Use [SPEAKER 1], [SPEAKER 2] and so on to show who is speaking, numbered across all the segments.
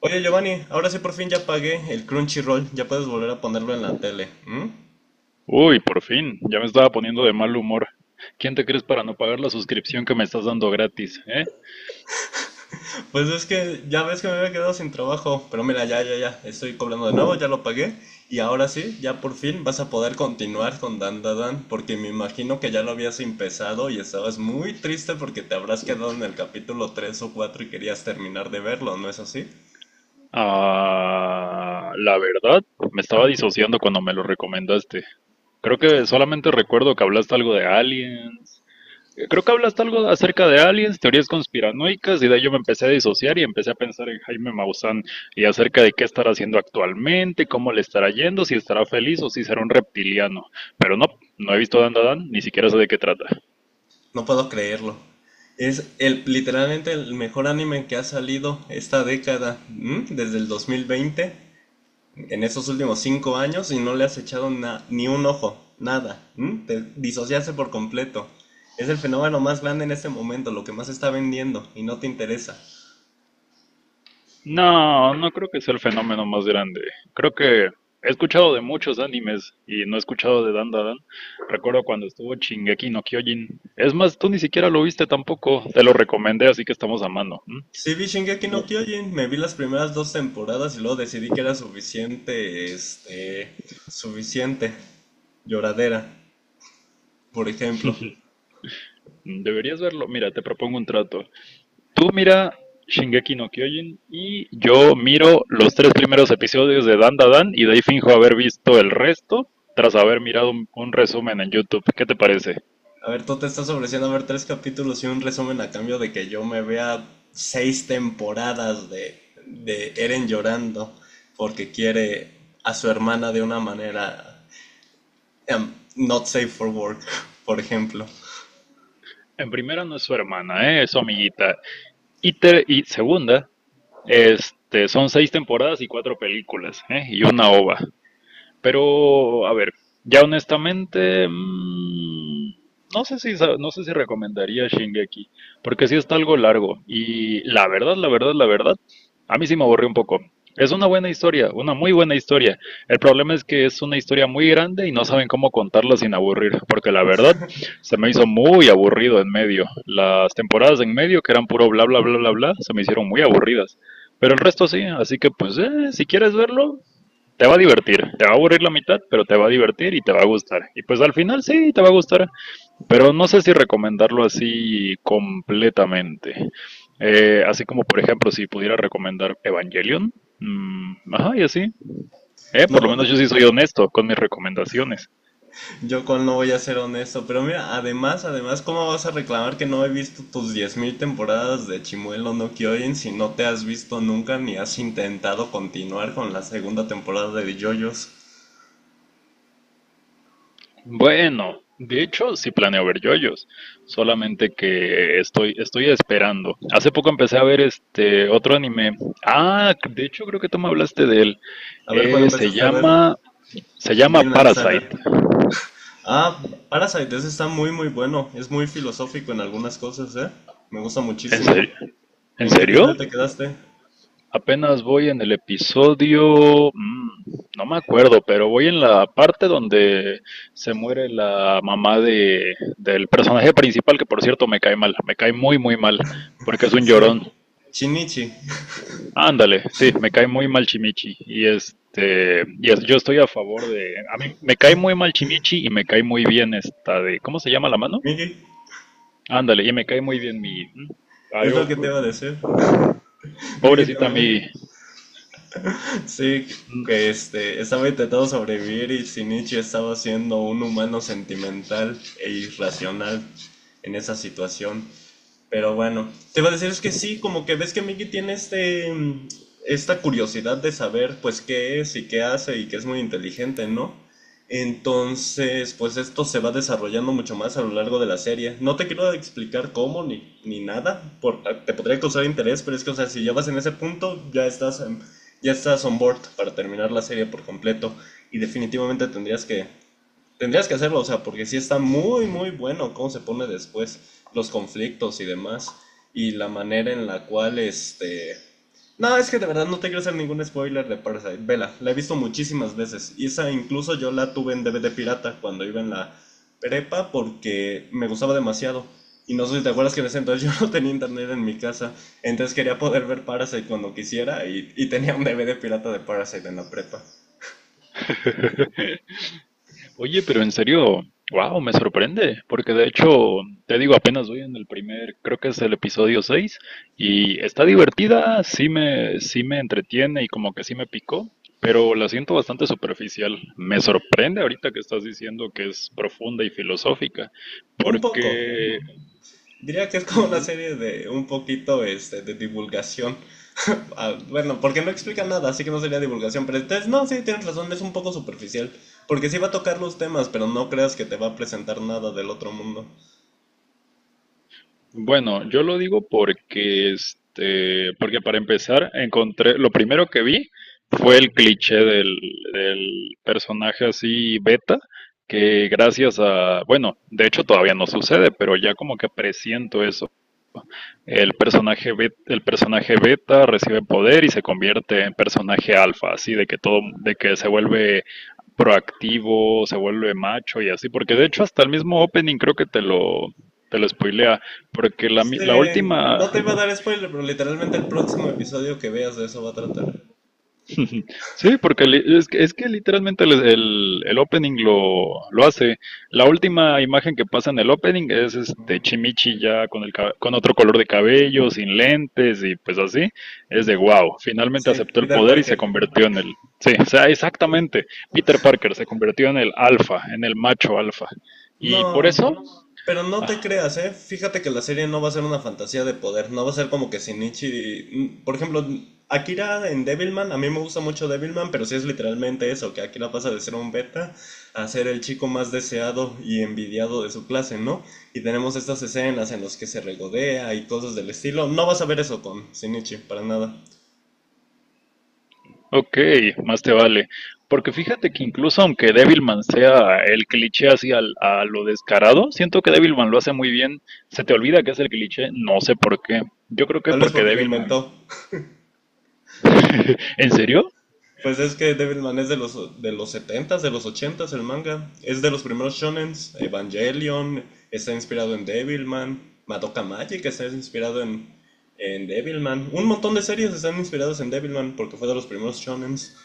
[SPEAKER 1] Oye Giovanni, ahora sí por fin ya pagué el Crunchyroll, ya puedes volver a ponerlo en la tele. ¿M?
[SPEAKER 2] Uy, por fin, ya me estaba poniendo de mal humor. ¿Quién te crees para no pagar la suscripción que me estás dando gratis, eh?
[SPEAKER 1] Pues es que ya ves que me había quedado sin trabajo, pero mira, ya, ya, ya, estoy cobrando de nuevo, ya lo pagué y ahora sí, ya por fin vas a poder continuar con Dandadan, porque me imagino que ya lo habías empezado y estabas muy triste porque te habrás quedado en el capítulo 3 o 4 y querías terminar de verlo, ¿no es así?
[SPEAKER 2] Ah, la verdad, me estaba disociando cuando me lo recomendaste. Creo que solamente recuerdo que hablaste algo de aliens. Creo que hablaste algo acerca de aliens, teorías conspiranoicas, y de ahí yo me empecé a disociar y empecé a pensar en Jaime Maussan y acerca de qué estará haciendo actualmente, cómo le estará yendo, si estará feliz o si será un reptiliano. Pero no, no he visto Dan Dan, ni siquiera sé de qué trata.
[SPEAKER 1] No puedo creerlo. Es literalmente el mejor anime que ha salido esta década, ¿m? Desde el 2020. En esos últimos cinco años y no le has echado ni un ojo, nada. ¿M? Te disociaste por completo. Es el fenómeno más grande en este momento, lo que más está vendiendo y no te interesa.
[SPEAKER 2] No, no creo que sea el fenómeno más grande. Creo que he escuchado de muchos animes y no he escuchado de Dandadan. Recuerdo cuando estuvo Shingeki no Kyojin. Es más, tú ni siquiera lo viste tampoco. Te lo recomendé, así que estamos a mano. ¿M?
[SPEAKER 1] Sí vi Shingeki no
[SPEAKER 2] No.
[SPEAKER 1] Kyojin, me vi las primeras dos temporadas y luego decidí que era suficiente lloradera, por ejemplo.
[SPEAKER 2] Deberías verlo. Mira, te propongo un trato. Tú mira Shingeki no Kyojin y yo miro los tres primeros episodios de Dandadan y de ahí finjo haber visto el resto tras haber mirado un resumen en YouTube. ¿Qué te parece?
[SPEAKER 1] A ver, tú te estás ofreciendo a ver tres capítulos y un resumen a cambio de que yo me vea seis temporadas de Eren llorando porque quiere a su hermana de una manera not safe for work, por ejemplo.
[SPEAKER 2] En primera no es su hermana, ¿eh? Es su amiguita. Y, y segunda, este, son seis temporadas y cuatro películas, ¿eh? Y una ova. Pero, a ver, ya honestamente, no sé si, no sé si recomendaría Shingeki, porque sí está algo largo. Y la verdad, la verdad, la verdad, a mí sí me aburrió un poco. Es una buena historia, una muy buena historia. El problema es que es una historia muy grande y no saben cómo contarla sin aburrir, porque la verdad se me hizo muy aburrido en medio. Las temporadas en medio, que eran puro bla, bla, bla, bla, bla, se me hicieron muy aburridas. Pero el resto sí, así que pues si quieres verlo, te va a divertir, te va a aburrir la mitad, pero te va a divertir y te va a gustar. Y pues al final sí, te va a gustar, pero no sé si recomendarlo así completamente. Así como, por ejemplo, si pudiera recomendar Evangelion, mm, ajá, y así. Por
[SPEAKER 1] No
[SPEAKER 2] lo menos
[SPEAKER 1] puedo,
[SPEAKER 2] yo sí soy honesto con mis recomendaciones.
[SPEAKER 1] yo con no voy a ser honesto, pero mira, además, ¿cómo vas a reclamar que no he visto tus 10,000 temporadas de Chimuelo no Kyojin si no te has visto nunca ni has intentado continuar con la segunda temporada de JoJo's?
[SPEAKER 2] Bueno, de hecho, sí planeo ver yoyos, solamente que estoy esperando. Hace poco empecé a ver este otro anime. Ah, de hecho creo que tú me hablaste de él.
[SPEAKER 1] A ver, ¿cuándo
[SPEAKER 2] Eh, se
[SPEAKER 1] empezaste a ver?
[SPEAKER 2] llama, Se llama
[SPEAKER 1] Bien Lanzaga.
[SPEAKER 2] Parasite.
[SPEAKER 1] Ah, Parasite, ese está muy muy bueno. Es muy filosófico en algunas cosas, ¿eh? Me gusta
[SPEAKER 2] ¿En
[SPEAKER 1] muchísimo.
[SPEAKER 2] serio? ¿En
[SPEAKER 1] ¿En qué
[SPEAKER 2] serio?
[SPEAKER 1] episodio te quedaste?
[SPEAKER 2] Apenas voy en el episodio, no me acuerdo, pero voy en la parte donde se muere la mamá del personaje principal, que por cierto me cae mal, me cae muy, muy mal, porque es un
[SPEAKER 1] Sí.
[SPEAKER 2] llorón.
[SPEAKER 1] Shinichi.
[SPEAKER 2] Ándale, sí, me cae muy mal Chimichi y este, y yo estoy a favor de, a mí me cae muy mal Chimichi y me cae muy bien esta de, ¿cómo se llama la mano?
[SPEAKER 1] Miki,
[SPEAKER 2] Ándale, y me cae muy bien mi, ay,
[SPEAKER 1] es lo
[SPEAKER 2] oh,
[SPEAKER 1] que te iba a decir. Miki
[SPEAKER 2] pobrecita
[SPEAKER 1] también.
[SPEAKER 2] mi,
[SPEAKER 1] Sí, que estaba intentando sobrevivir y Shinichi estaba siendo un humano sentimental e irracional en esa situación. Pero bueno, te iba a decir es que sí, como que ves que Mickey tiene esta curiosidad de saber pues qué es y qué hace y que es muy inteligente, ¿no? Entonces, pues esto se va desarrollando mucho más a lo largo de la serie. No te quiero explicar cómo ni nada, te podría causar interés, pero es que, o sea, si ya vas en ese punto, ya estás on board para terminar la serie por completo y definitivamente tendrías que hacerlo, o sea, porque sí está muy, muy bueno cómo se pone después los conflictos y demás. Y la manera en la cual, este... No, es que de verdad no te quiero hacer ningún spoiler de Parasite. Vela, la he visto muchísimas veces. Y esa incluso yo la tuve en DVD pirata cuando iba en la prepa porque me gustaba demasiado. Y no sé si te acuerdas que en ese entonces yo no tenía internet en mi casa. Entonces quería poder ver Parasite cuando quisiera y tenía un DVD pirata de Parasite en la prepa.
[SPEAKER 2] Oye, pero en serio, wow, me sorprende, porque de hecho, te digo, apenas voy en el primer, creo que es el episodio 6 y está divertida, sí me entretiene y como que sí me picó, pero la siento bastante superficial. Me sorprende ahorita que estás diciendo que es profunda y filosófica,
[SPEAKER 1] Un poco,
[SPEAKER 2] porque
[SPEAKER 1] diría que es como una serie de un poquito este, de divulgación. Ah, bueno, porque no explica nada, así que no sería divulgación. Pero entonces, no, sí, tienes razón, es un poco superficial. Porque sí va a tocar los temas, pero no creas que te va a presentar nada del otro mundo.
[SPEAKER 2] bueno, yo lo digo porque, este, porque para empezar, encontré, lo primero que vi fue el cliché del, del personaje así beta, que gracias a, bueno, de hecho todavía no sucede, pero ya como que presiento eso. El personaje beta recibe poder y se convierte en personaje alfa, así de que todo, de que se vuelve proactivo, se vuelve macho y así, porque de hecho hasta el mismo opening creo que te lo spoilea, porque la, la
[SPEAKER 1] Este,
[SPEAKER 2] última,
[SPEAKER 1] no te iba a dar spoiler, pero literalmente el próximo episodio que veas de eso va a tratar.
[SPEAKER 2] sí, porque es que literalmente el, el opening lo hace. La última imagen que pasa en el opening es este Chimichi ya con, el, con otro color de cabello, sin lentes y pues así, es de wow, finalmente
[SPEAKER 1] Sí,
[SPEAKER 2] aceptó el
[SPEAKER 1] Peter
[SPEAKER 2] poder y se
[SPEAKER 1] Parker.
[SPEAKER 2] convirtió en el, sí, o sea, exactamente, Peter Parker se convirtió en el alfa, en el macho alfa. Y por
[SPEAKER 1] No,
[SPEAKER 2] eso
[SPEAKER 1] pero no
[SPEAKER 2] Ah,
[SPEAKER 1] te creas, ¿eh? Fíjate que la serie no va a ser una fantasía de poder, no va a ser como que Shinichi... Por ejemplo, Akira en Devilman, a mí me gusta mucho Devilman, pero sí es literalmente eso, que Akira pasa de ser un beta a ser el chico más deseado y envidiado de su clase, ¿no? Y tenemos estas escenas en las que se regodea y cosas del estilo. No vas a ver eso con Shinichi, para nada.
[SPEAKER 2] Ok, más te vale. Porque fíjate que incluso aunque Devilman sea el cliché así al a lo descarado, siento que Devilman lo hace muy bien. Se te olvida que es el cliché, no sé por qué. Yo creo que
[SPEAKER 1] Tal vez
[SPEAKER 2] porque
[SPEAKER 1] porque lo
[SPEAKER 2] Devilman.
[SPEAKER 1] inventó.
[SPEAKER 2] ¿En serio?
[SPEAKER 1] Pues es que Devilman es de los setentas de los ochentas el manga. Es de los primeros shonens. Evangelion está inspirado en Devilman. Madoka Magic está inspirado en Devilman. Un montón de series están inspiradas en Devilman porque fue de los primeros shonens.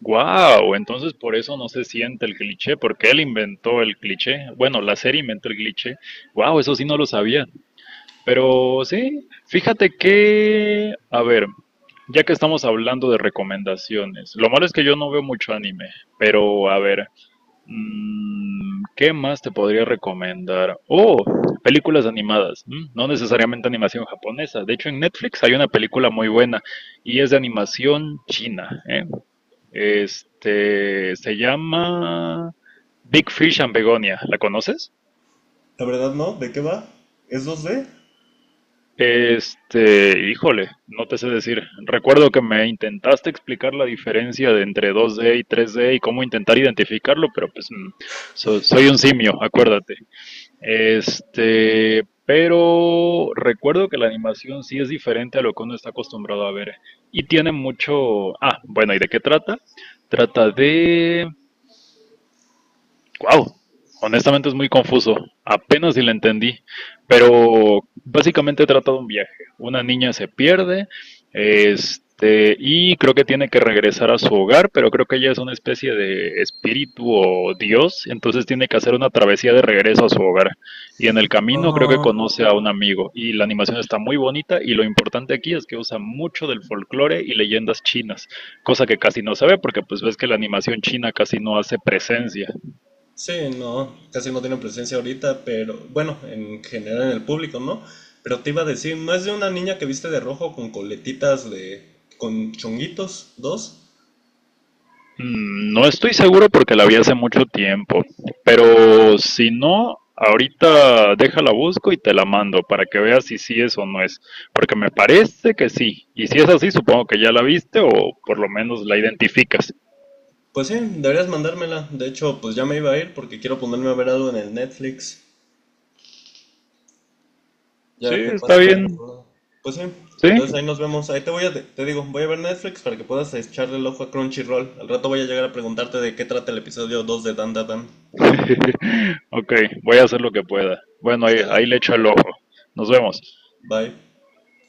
[SPEAKER 2] Wow, entonces por eso no se siente el cliché, porque él inventó el cliché. Bueno, la serie inventó el cliché. Wow, eso sí no lo sabía. Pero sí, fíjate que, a ver, ya que estamos hablando de recomendaciones, lo malo es que yo no veo mucho anime, pero a ver, ¿qué más te podría recomendar? Oh, películas animadas, no necesariamente animación japonesa. De hecho, en Netflix hay una película muy buena y es de animación china, ¿eh? Este, se llama Big Fish and Begonia, ¿la conoces?
[SPEAKER 1] La verdad no, ¿de qué va? ¿Es dos 2D?
[SPEAKER 2] Este, híjole, no te sé decir. Recuerdo que me intentaste explicar la diferencia de entre 2D y 3D y cómo intentar identificarlo, pero pues soy un simio, acuérdate. Este, pero recuerdo que la animación sí es diferente a lo que uno está acostumbrado a ver y tiene mucho... Ah, bueno, ¿y de qué trata? Trata de... Wow, honestamente es muy confuso, apenas si le entendí, pero básicamente trata de un viaje. Una niña se pierde, este, y creo que tiene que regresar a su hogar, pero creo que ella es una especie de espíritu o dios, entonces tiene que hacer una travesía de regreso a su hogar. Y en el camino creo que
[SPEAKER 1] Ah,
[SPEAKER 2] conoce a un amigo, y la animación está muy bonita, y lo importante aquí es que usa mucho del folclore y leyendas chinas, cosa que casi no se ve porque pues ves que la animación china casi no hace presencia.
[SPEAKER 1] sí, no, casi no tiene presencia ahorita, pero bueno, en general en el público, ¿no? Pero te iba a decir, ¿no es de una niña que viste de rojo con coletitas de... con chonguitos, dos?
[SPEAKER 2] No estoy seguro porque la vi hace mucho tiempo, pero si no, ahorita déjala busco y te la mando para que veas si sí es o no es, porque me parece que sí, y si es así, supongo que ya la viste o por lo menos la identificas.
[SPEAKER 1] Pues sí, deberías mandármela. De hecho, pues ya me iba a ir porque quiero ponerme a ver algo en el Netflix. Ya
[SPEAKER 2] Sí,
[SPEAKER 1] se
[SPEAKER 2] está
[SPEAKER 1] pasa, tengo
[SPEAKER 2] bien,
[SPEAKER 1] problema. Pues sí, entonces
[SPEAKER 2] sí.
[SPEAKER 1] ahí nos vemos. Ahí te voy a, te digo, voy a ver Netflix para que puedas echarle el ojo a Crunchyroll. Al rato voy a llegar a preguntarte de qué trata el episodio 2 de Dan Dan Dan.
[SPEAKER 2] Ok, voy a hacer lo que pueda. Bueno, ahí,
[SPEAKER 1] Sale.
[SPEAKER 2] ahí le echo el ojo. Nos vemos.
[SPEAKER 1] Bye.